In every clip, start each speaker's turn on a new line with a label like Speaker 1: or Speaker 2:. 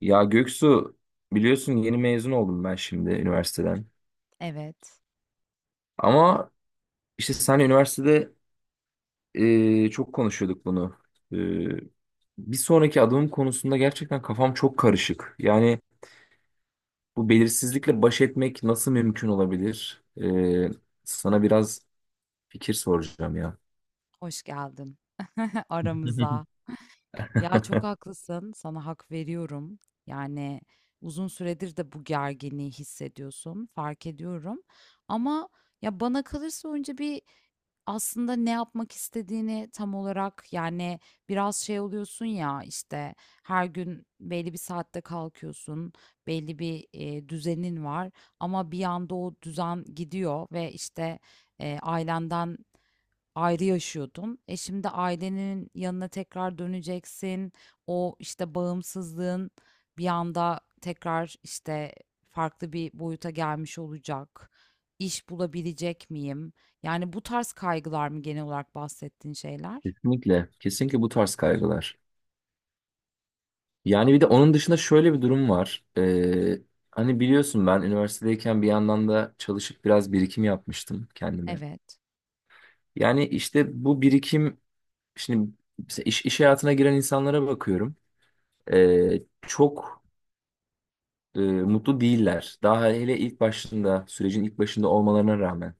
Speaker 1: Ya Göksu biliyorsun yeni mezun oldum ben şimdi üniversiteden.
Speaker 2: Evet,
Speaker 1: Ama işte sen üniversitede çok konuşuyorduk bunu. E, Bir sonraki adımım konusunda gerçekten kafam çok karışık. Yani bu belirsizlikle baş etmek nasıl mümkün olabilir? Sana biraz fikir soracağım ya.
Speaker 2: hoş geldin aramıza. Ya çok haklısın, sana hak veriyorum. Yani uzun süredir de bu gerginliği hissediyorsun, fark ediyorum. Ama ya bana kalırsa önce bir aslında ne yapmak istediğini tam olarak yani biraz şey oluyorsun ya işte her gün belli bir saatte kalkıyorsun, belli bir düzenin var ama bir anda o düzen gidiyor ve işte ailenden ayrı yaşıyordun. E şimdi ailenin yanına tekrar döneceksin. O işte bağımsızlığın bir anda tekrar işte farklı bir boyuta gelmiş olacak. İş bulabilecek miyim? Yani bu tarz kaygılar mı genel olarak bahsettiğin şeyler?
Speaker 1: Kesinlikle, kesinlikle bu tarz kaygılar. Yani bir de onun dışında şöyle bir durum var. Hani biliyorsun ben üniversitedeyken bir yandan da çalışıp biraz birikim yapmıştım kendime.
Speaker 2: Evet.
Speaker 1: Yani işte bu birikim şimdi mesela iş hayatına giren insanlara bakıyorum. Çok mutlu değiller. Daha hele ilk başında sürecin ilk başında olmalarına rağmen.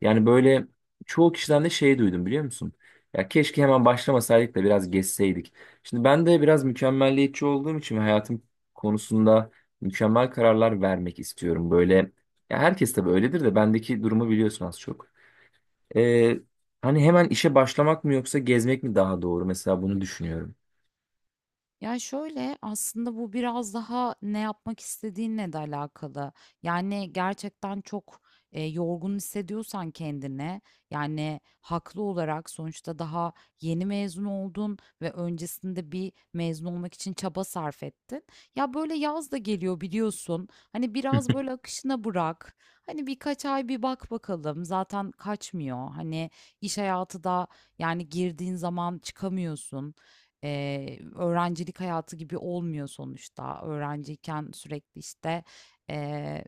Speaker 1: Yani böyle çoğu kişiden de şey duydum biliyor musun? Ya keşke hemen başlamasaydık da biraz geçseydik. Şimdi ben de biraz mükemmelliyetçi olduğum için ve hayatım konusunda mükemmel kararlar vermek istiyorum. Böyle ya herkes tabii öyledir de bendeki durumu biliyorsun az çok. Ee, Hani hemen işe başlamak mı yoksa gezmek mi daha doğru? Mesela bunu düşünüyorum.
Speaker 2: Ya şöyle aslında bu biraz daha ne yapmak istediğinle de alakalı. Yani gerçekten çok yorgun hissediyorsan kendine yani haklı olarak sonuçta daha yeni mezun oldun ve öncesinde bir mezun olmak için çaba sarf ettin. Ya böyle yaz da geliyor biliyorsun. Hani biraz böyle akışına bırak. Hani birkaç ay bir bak bakalım. Zaten kaçmıyor. Hani iş hayatı da yani girdiğin zaman çıkamıyorsun. Öğrencilik hayatı gibi olmuyor sonuçta. Öğrenciyken sürekli işte eee,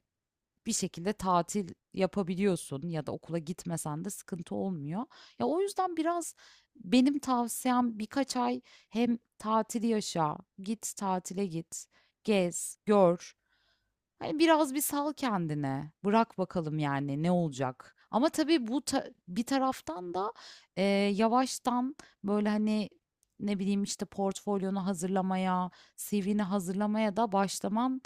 Speaker 2: bir şekilde tatil yapabiliyorsun ya da okula gitmesen de sıkıntı olmuyor. Ya o yüzden biraz benim tavsiyem birkaç ay hem tatili yaşa, git tatile git, gez, gör. Hani, biraz bir sal kendine. Bırak bakalım, yani, ne olacak? Ama tabii bu bir taraftan da, eee, yavaştan, böyle, hani, ne bileyim, işte, portfolyonu hazırlamaya, CV'ni hazırlamaya da başlaman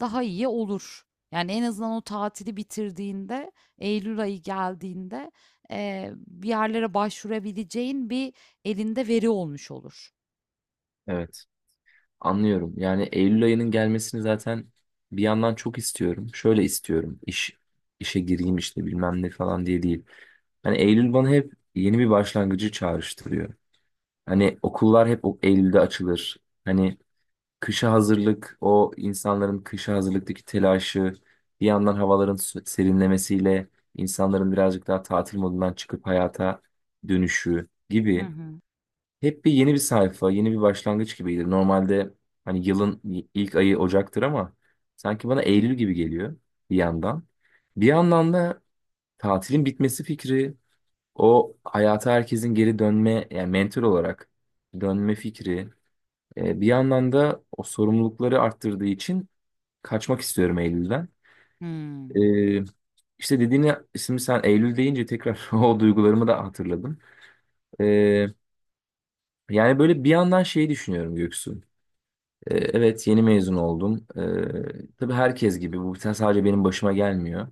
Speaker 2: daha iyi olur. Yani, en azından o tatili bitirdiğinde, eylül ayı geldiğinde, bir yerlere başvurabileceğin bir elinde veri olmuş olur.
Speaker 1: Evet. Anlıyorum. Yani Eylül ayının gelmesini zaten bir yandan çok istiyorum. Şöyle istiyorum. İşe gireyim işte bilmem ne falan diye değil. Hani Eylül bana hep yeni bir başlangıcı çağrıştırıyor. Hani okullar hep o Eylül'de açılır. Hani kışa hazırlık, o insanların kışa hazırlıktaki telaşı, bir yandan havaların serinlemesiyle insanların birazcık daha tatil modundan çıkıp hayata dönüşü
Speaker 2: Hı
Speaker 1: gibi.
Speaker 2: hı.
Speaker 1: Hep bir yeni bir sayfa, yeni bir başlangıç gibiydi. Normalde hani yılın ilk ayı Ocak'tır ama sanki bana Eylül gibi geliyor bir yandan. Bir yandan da tatilin bitmesi fikri, o hayata herkesin geri dönme, yani mental olarak dönme fikri. Bir yandan da o sorumlulukları arttırdığı için kaçmak istiyorum Eylül'den.
Speaker 2: Hımm.
Speaker 1: E, işte dediğini şimdi sen Eylül deyince tekrar o duygularımı da hatırladım. E, Yani böyle bir yandan şeyi düşünüyorum Göksu. Evet yeni mezun oldum. Tabii herkes gibi bu sadece benim başıma gelmiyor.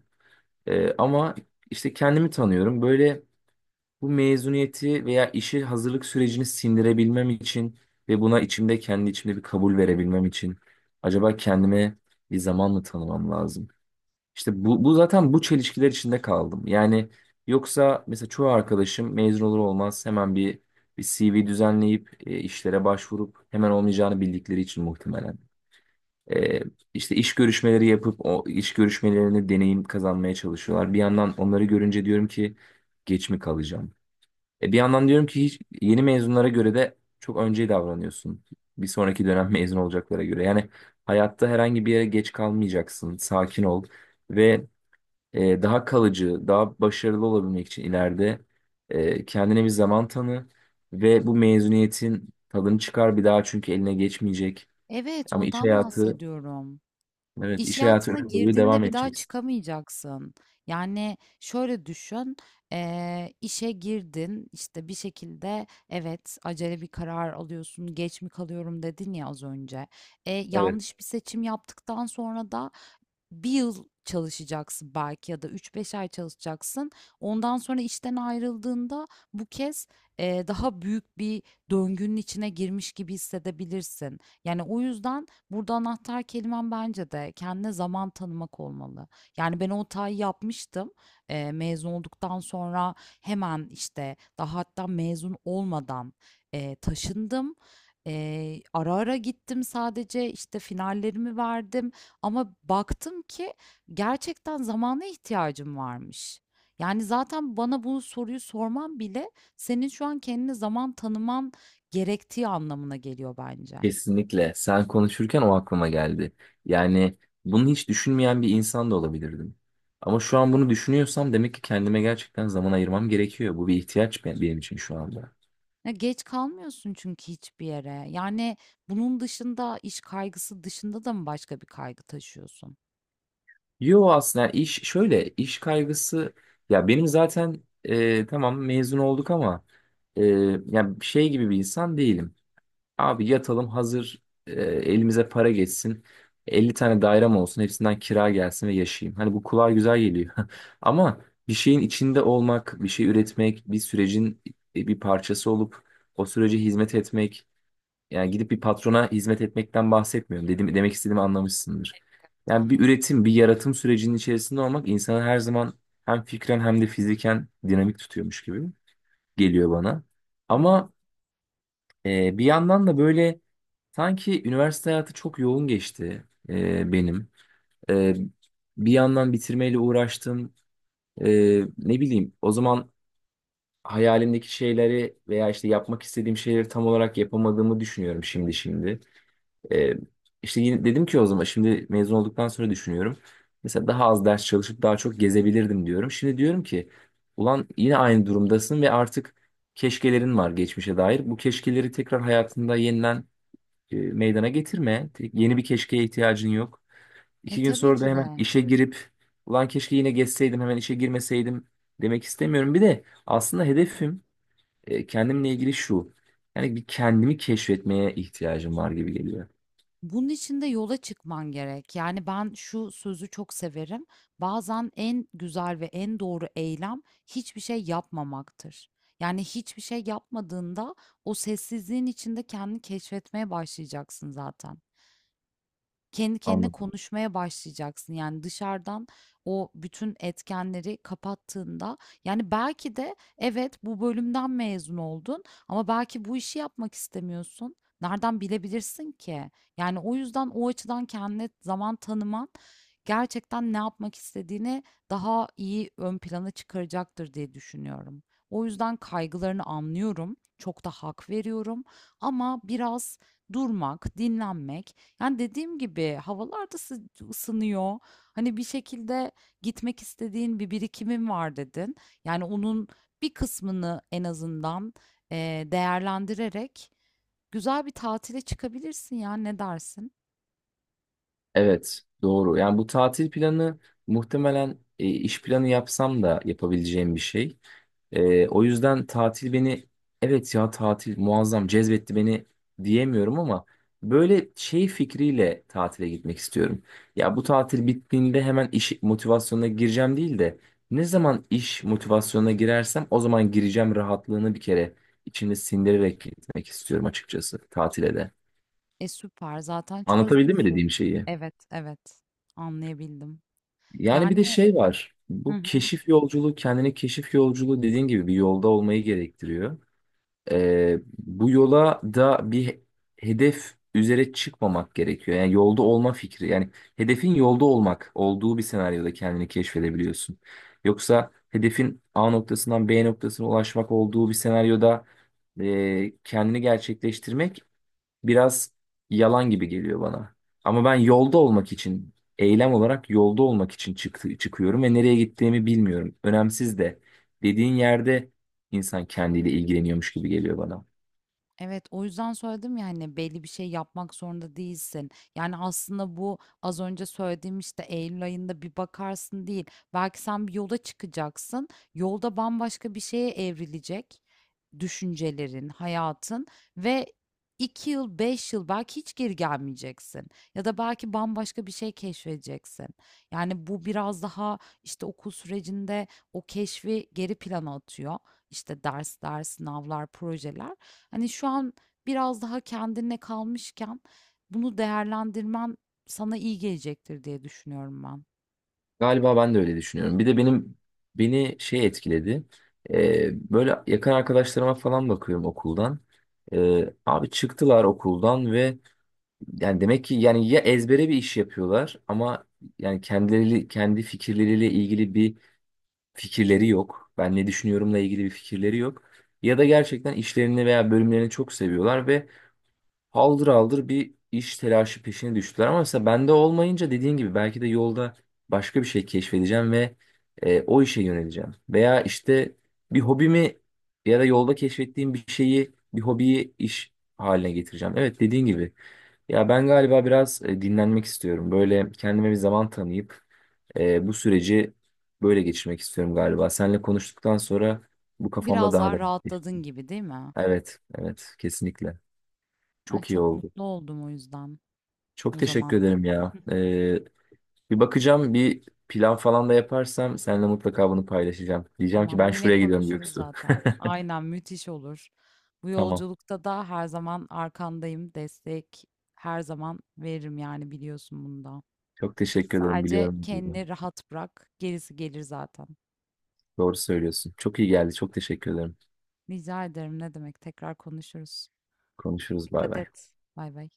Speaker 1: Ama işte kendimi tanıyorum. Böyle bu mezuniyeti veya işi hazırlık sürecini sindirebilmem için ve buna içimde kendi içimde bir kabul verebilmem için acaba kendime bir zaman mı tanımam lazım? İşte bu zaten bu çelişkiler içinde kaldım. Yani yoksa mesela çoğu arkadaşım mezun olur olmaz hemen bir CV düzenleyip işlere başvurup hemen olmayacağını bildikleri için muhtemelen. E, işte iş görüşmeleri yapıp o iş görüşmelerine deneyim kazanmaya çalışıyorlar. Bir yandan onları görünce diyorum ki geç mi kalacağım? Bir yandan diyorum ki hiç yeni mezunlara göre de çok önce davranıyorsun. Bir sonraki dönem mezun olacaklara göre. Yani hayatta herhangi bir yere geç kalmayacaksın. Sakin ol ve daha kalıcı, daha başarılı olabilmek için ileride kendine bir zaman tanı ve bu mezuniyetin tadını çıkar bir daha çünkü eline geçmeyecek.
Speaker 2: Evet,
Speaker 1: Ama iş
Speaker 2: ondan
Speaker 1: hayatı.
Speaker 2: bahsediyorum.
Speaker 1: Evet,
Speaker 2: İş
Speaker 1: iş hayatı
Speaker 2: hayatına
Speaker 1: öyle boyu
Speaker 2: girdiğinde
Speaker 1: devam
Speaker 2: bir daha
Speaker 1: edeceksin.
Speaker 2: çıkamayacaksın. Yani şöyle düşün, işe girdin, işte bir şekilde evet acele bir karar alıyorsun, geç mi kalıyorum dedin ya az önce.
Speaker 1: Evet.
Speaker 2: Yanlış bir seçim yaptıktan sonra da bir yıl çalışacaksın belki ya da üç beş ay çalışacaksın. Ondan sonra işten ayrıldığında bu kez daha büyük bir döngünün içine girmiş gibi hissedebilirsin. Yani o yüzden burada anahtar kelimen bence de kendine zaman tanımak olmalı. Yani ben o hatayı yapmıştım. Mezun olduktan sonra hemen işte daha hatta mezun olmadan taşındım. Ara ara gittim sadece işte finallerimi verdim. Ama baktım ki gerçekten zamana ihtiyacım varmış. Yani zaten bana bu soruyu sorman bile senin şu an kendine zaman tanıman gerektiği anlamına geliyor bence.
Speaker 1: Kesinlikle. Sen konuşurken o aklıma geldi. Yani bunu hiç düşünmeyen bir insan da olabilirdim. Ama şu an bunu düşünüyorsam demek ki kendime gerçekten zaman ayırmam gerekiyor. Bu bir ihtiyaç benim için şu anda.
Speaker 2: Ya geç kalmıyorsun çünkü hiçbir yere. Yani bunun dışında iş kaygısı dışında da mı başka bir kaygı taşıyorsun?
Speaker 1: Yo, aslında iş şöyle iş kaygısı ya benim zaten tamam mezun olduk ama e, ya şey gibi bir insan değilim. Abi yatalım hazır elimize para geçsin. 50 tane dairem olsun hepsinden kira gelsin ve yaşayayım. Hani bu kulağa güzel geliyor. Ama bir şeyin içinde olmak, bir şey üretmek, bir sürecin bir parçası olup o sürece hizmet etmek. Yani gidip bir patrona hizmet etmekten bahsetmiyorum. Dedim, demek istediğimi anlamışsındır. Yani bir
Speaker 2: Anladım.
Speaker 1: üretim, bir yaratım sürecinin içerisinde olmak insanı her zaman hem fikren hem de fiziken dinamik tutuyormuş gibi geliyor bana.
Speaker 2: Hı hı.
Speaker 1: Ama bir yandan da böyle sanki üniversite hayatı çok yoğun geçti benim. E, Bir yandan bitirmeyle uğraştım. Ne bileyim o zaman hayalimdeki şeyleri veya işte yapmak istediğim şeyleri tam olarak yapamadığımı düşünüyorum şimdi. E, işte yine dedim ki o zaman şimdi mezun olduktan sonra düşünüyorum. Mesela daha az ders çalışıp daha çok gezebilirdim diyorum. Şimdi diyorum ki ulan yine aynı durumdasın ve artık keşkelerin var geçmişe dair. Bu keşkeleri tekrar hayatında yeniden meydana getirme. Yeni bir keşkeye ihtiyacın yok.
Speaker 2: E
Speaker 1: İki gün
Speaker 2: tabii
Speaker 1: sonra da
Speaker 2: ki
Speaker 1: hemen
Speaker 2: de.
Speaker 1: işe girip ulan keşke yine geçseydim hemen işe girmeseydim demek istemiyorum. Bir de aslında hedefim kendimle ilgili şu. Yani bir kendimi keşfetmeye ihtiyacım var gibi geliyor.
Speaker 2: Bunun için de yola çıkman gerek. Yani ben şu sözü çok severim. Bazen en güzel ve en doğru eylem hiçbir şey yapmamaktır. Yani hiçbir şey yapmadığında o sessizliğin içinde kendini keşfetmeye başlayacaksın zaten kendi kendine konuşmaya başlayacaksın. Yani dışarıdan o bütün etkenleri kapattığında yani belki de evet bu bölümden mezun oldun ama belki bu işi yapmak istemiyorsun. Nereden bilebilirsin ki? Yani o yüzden o açıdan kendine zaman tanıman gerçekten ne yapmak istediğini daha iyi ön plana çıkaracaktır diye düşünüyorum. O yüzden kaygılarını anlıyorum. Çok da hak veriyorum ama biraz durmak, dinlenmek yani dediğim gibi havalar da ısınıyor. Hani bir şekilde gitmek istediğin bir birikimin var dedin. Yani onun bir kısmını en azından değerlendirerek güzel bir tatile çıkabilirsin ya ne dersin?
Speaker 1: Evet, doğru. Yani bu tatil planı muhtemelen iş planı yapsam da yapabileceğim bir şey. O yüzden tatil beni, evet ya tatil muazzam cezbetti beni diyemiyorum ama böyle şey fikriyle tatile gitmek istiyorum. Ya bu tatil bittiğinde hemen iş motivasyonuna gireceğim değil de ne zaman iş motivasyonuna girersem o zaman gireceğim rahatlığını bir kere içimde sindirerek gitmek istiyorum açıkçası tatile de.
Speaker 2: E süper zaten
Speaker 1: Anlatabildim mi
Speaker 2: çözmüşsün.
Speaker 1: dediğim şeyi?
Speaker 2: Evet, evet, anlayabildim.
Speaker 1: Yani bir
Speaker 2: Yani
Speaker 1: de şey var.
Speaker 2: hı
Speaker 1: Bu
Speaker 2: hı.
Speaker 1: keşif yolculuğu kendine keşif yolculuğu dediğin gibi bir yolda olmayı gerektiriyor. Bu yola da bir hedef üzere çıkmamak gerekiyor. Yani yolda olma fikri. Yani hedefin yolda olmak olduğu bir senaryoda kendini keşfedebiliyorsun. Yoksa hedefin A noktasından B noktasına ulaşmak olduğu bir senaryoda kendini gerçekleştirmek biraz yalan gibi geliyor bana. Ama ben yolda olmak için, eylem olarak yolda olmak için çıkıyorum ve nereye gittiğimi bilmiyorum. Önemsiz de dediğin yerde insan kendiyle ilgileniyormuş gibi geliyor bana.
Speaker 2: Evet, o yüzden söyledim ya hani belli bir şey yapmak zorunda değilsin. Yani aslında bu az önce söylediğim işte Eylül ayında bir bakarsın değil. Belki sen bir yola çıkacaksın. Yolda bambaşka bir şeye evrilecek düşüncelerin, hayatın ve 2 yıl, 5 yıl belki hiç geri gelmeyeceksin. Ya da belki bambaşka bir şey keşfedeceksin. Yani bu biraz daha işte okul sürecinde o keşfi geri plana atıyor. İşte dersler, sınavlar, projeler. Hani şu an biraz daha kendine kalmışken bunu değerlendirmen sana iyi gelecektir diye düşünüyorum ben.
Speaker 1: Galiba ben de öyle düşünüyorum. Bir de beni şey etkiledi. Böyle yakın arkadaşlarıma falan bakıyorum okuldan. Abi çıktılar okuldan ve yani demek ki yani ya ezbere bir iş yapıyorlar ama yani kendileri kendi fikirleriyle ilgili bir fikirleri yok. Ben ne düşünüyorumla ilgili bir fikirleri yok. Ya da gerçekten işlerini veya bölümlerini çok seviyorlar ve haldır haldır bir iş telaşı peşine düştüler ama mesela bende olmayınca dediğin gibi belki de yolda başka bir şey keşfedeceğim ve o işe yöneleceğim. Veya işte bir hobimi ya da yolda keşfettiğim bir şeyi, bir hobiyi iş haline getireceğim. Evet dediğin gibi. Ya ben galiba biraz dinlenmek istiyorum. Böyle kendime bir zaman tanıyıp bu süreci böyle geçirmek istiyorum galiba. Seninle konuştuktan sonra bu kafamda
Speaker 2: Biraz
Speaker 1: daha
Speaker 2: daha
Speaker 1: da netleşti.
Speaker 2: rahatladın gibi değil mi?
Speaker 1: Evet, evet kesinlikle.
Speaker 2: Ay,
Speaker 1: Çok iyi
Speaker 2: çok
Speaker 1: oldu.
Speaker 2: mutlu oldum o yüzden.
Speaker 1: Çok
Speaker 2: O
Speaker 1: teşekkür
Speaker 2: zaman
Speaker 1: ederim ya. Bir bakacağım, bir plan falan da yaparsam seninle mutlaka bunu paylaşacağım. Diyeceğim ki
Speaker 2: tamam,
Speaker 1: ben
Speaker 2: yine
Speaker 1: şuraya gidiyorum
Speaker 2: konuşuruz
Speaker 1: Göksu.
Speaker 2: zaten. Aynen, müthiş olur. Bu
Speaker 1: Tamam.
Speaker 2: yolculukta da her zaman arkandayım. Destek her zaman veririm, yani biliyorsun bunu.
Speaker 1: Çok teşekkür ederim
Speaker 2: Sadece
Speaker 1: biliyorum bunu.
Speaker 2: kendini rahat bırak. Gerisi gelir zaten.
Speaker 1: Doğru söylüyorsun. Çok iyi geldi. Çok teşekkür ederim.
Speaker 2: Rica ederim, ne demek. Tekrar konuşuruz.
Speaker 1: Konuşuruz. Bay
Speaker 2: Dikkat
Speaker 1: bay.
Speaker 2: et. Bay bay.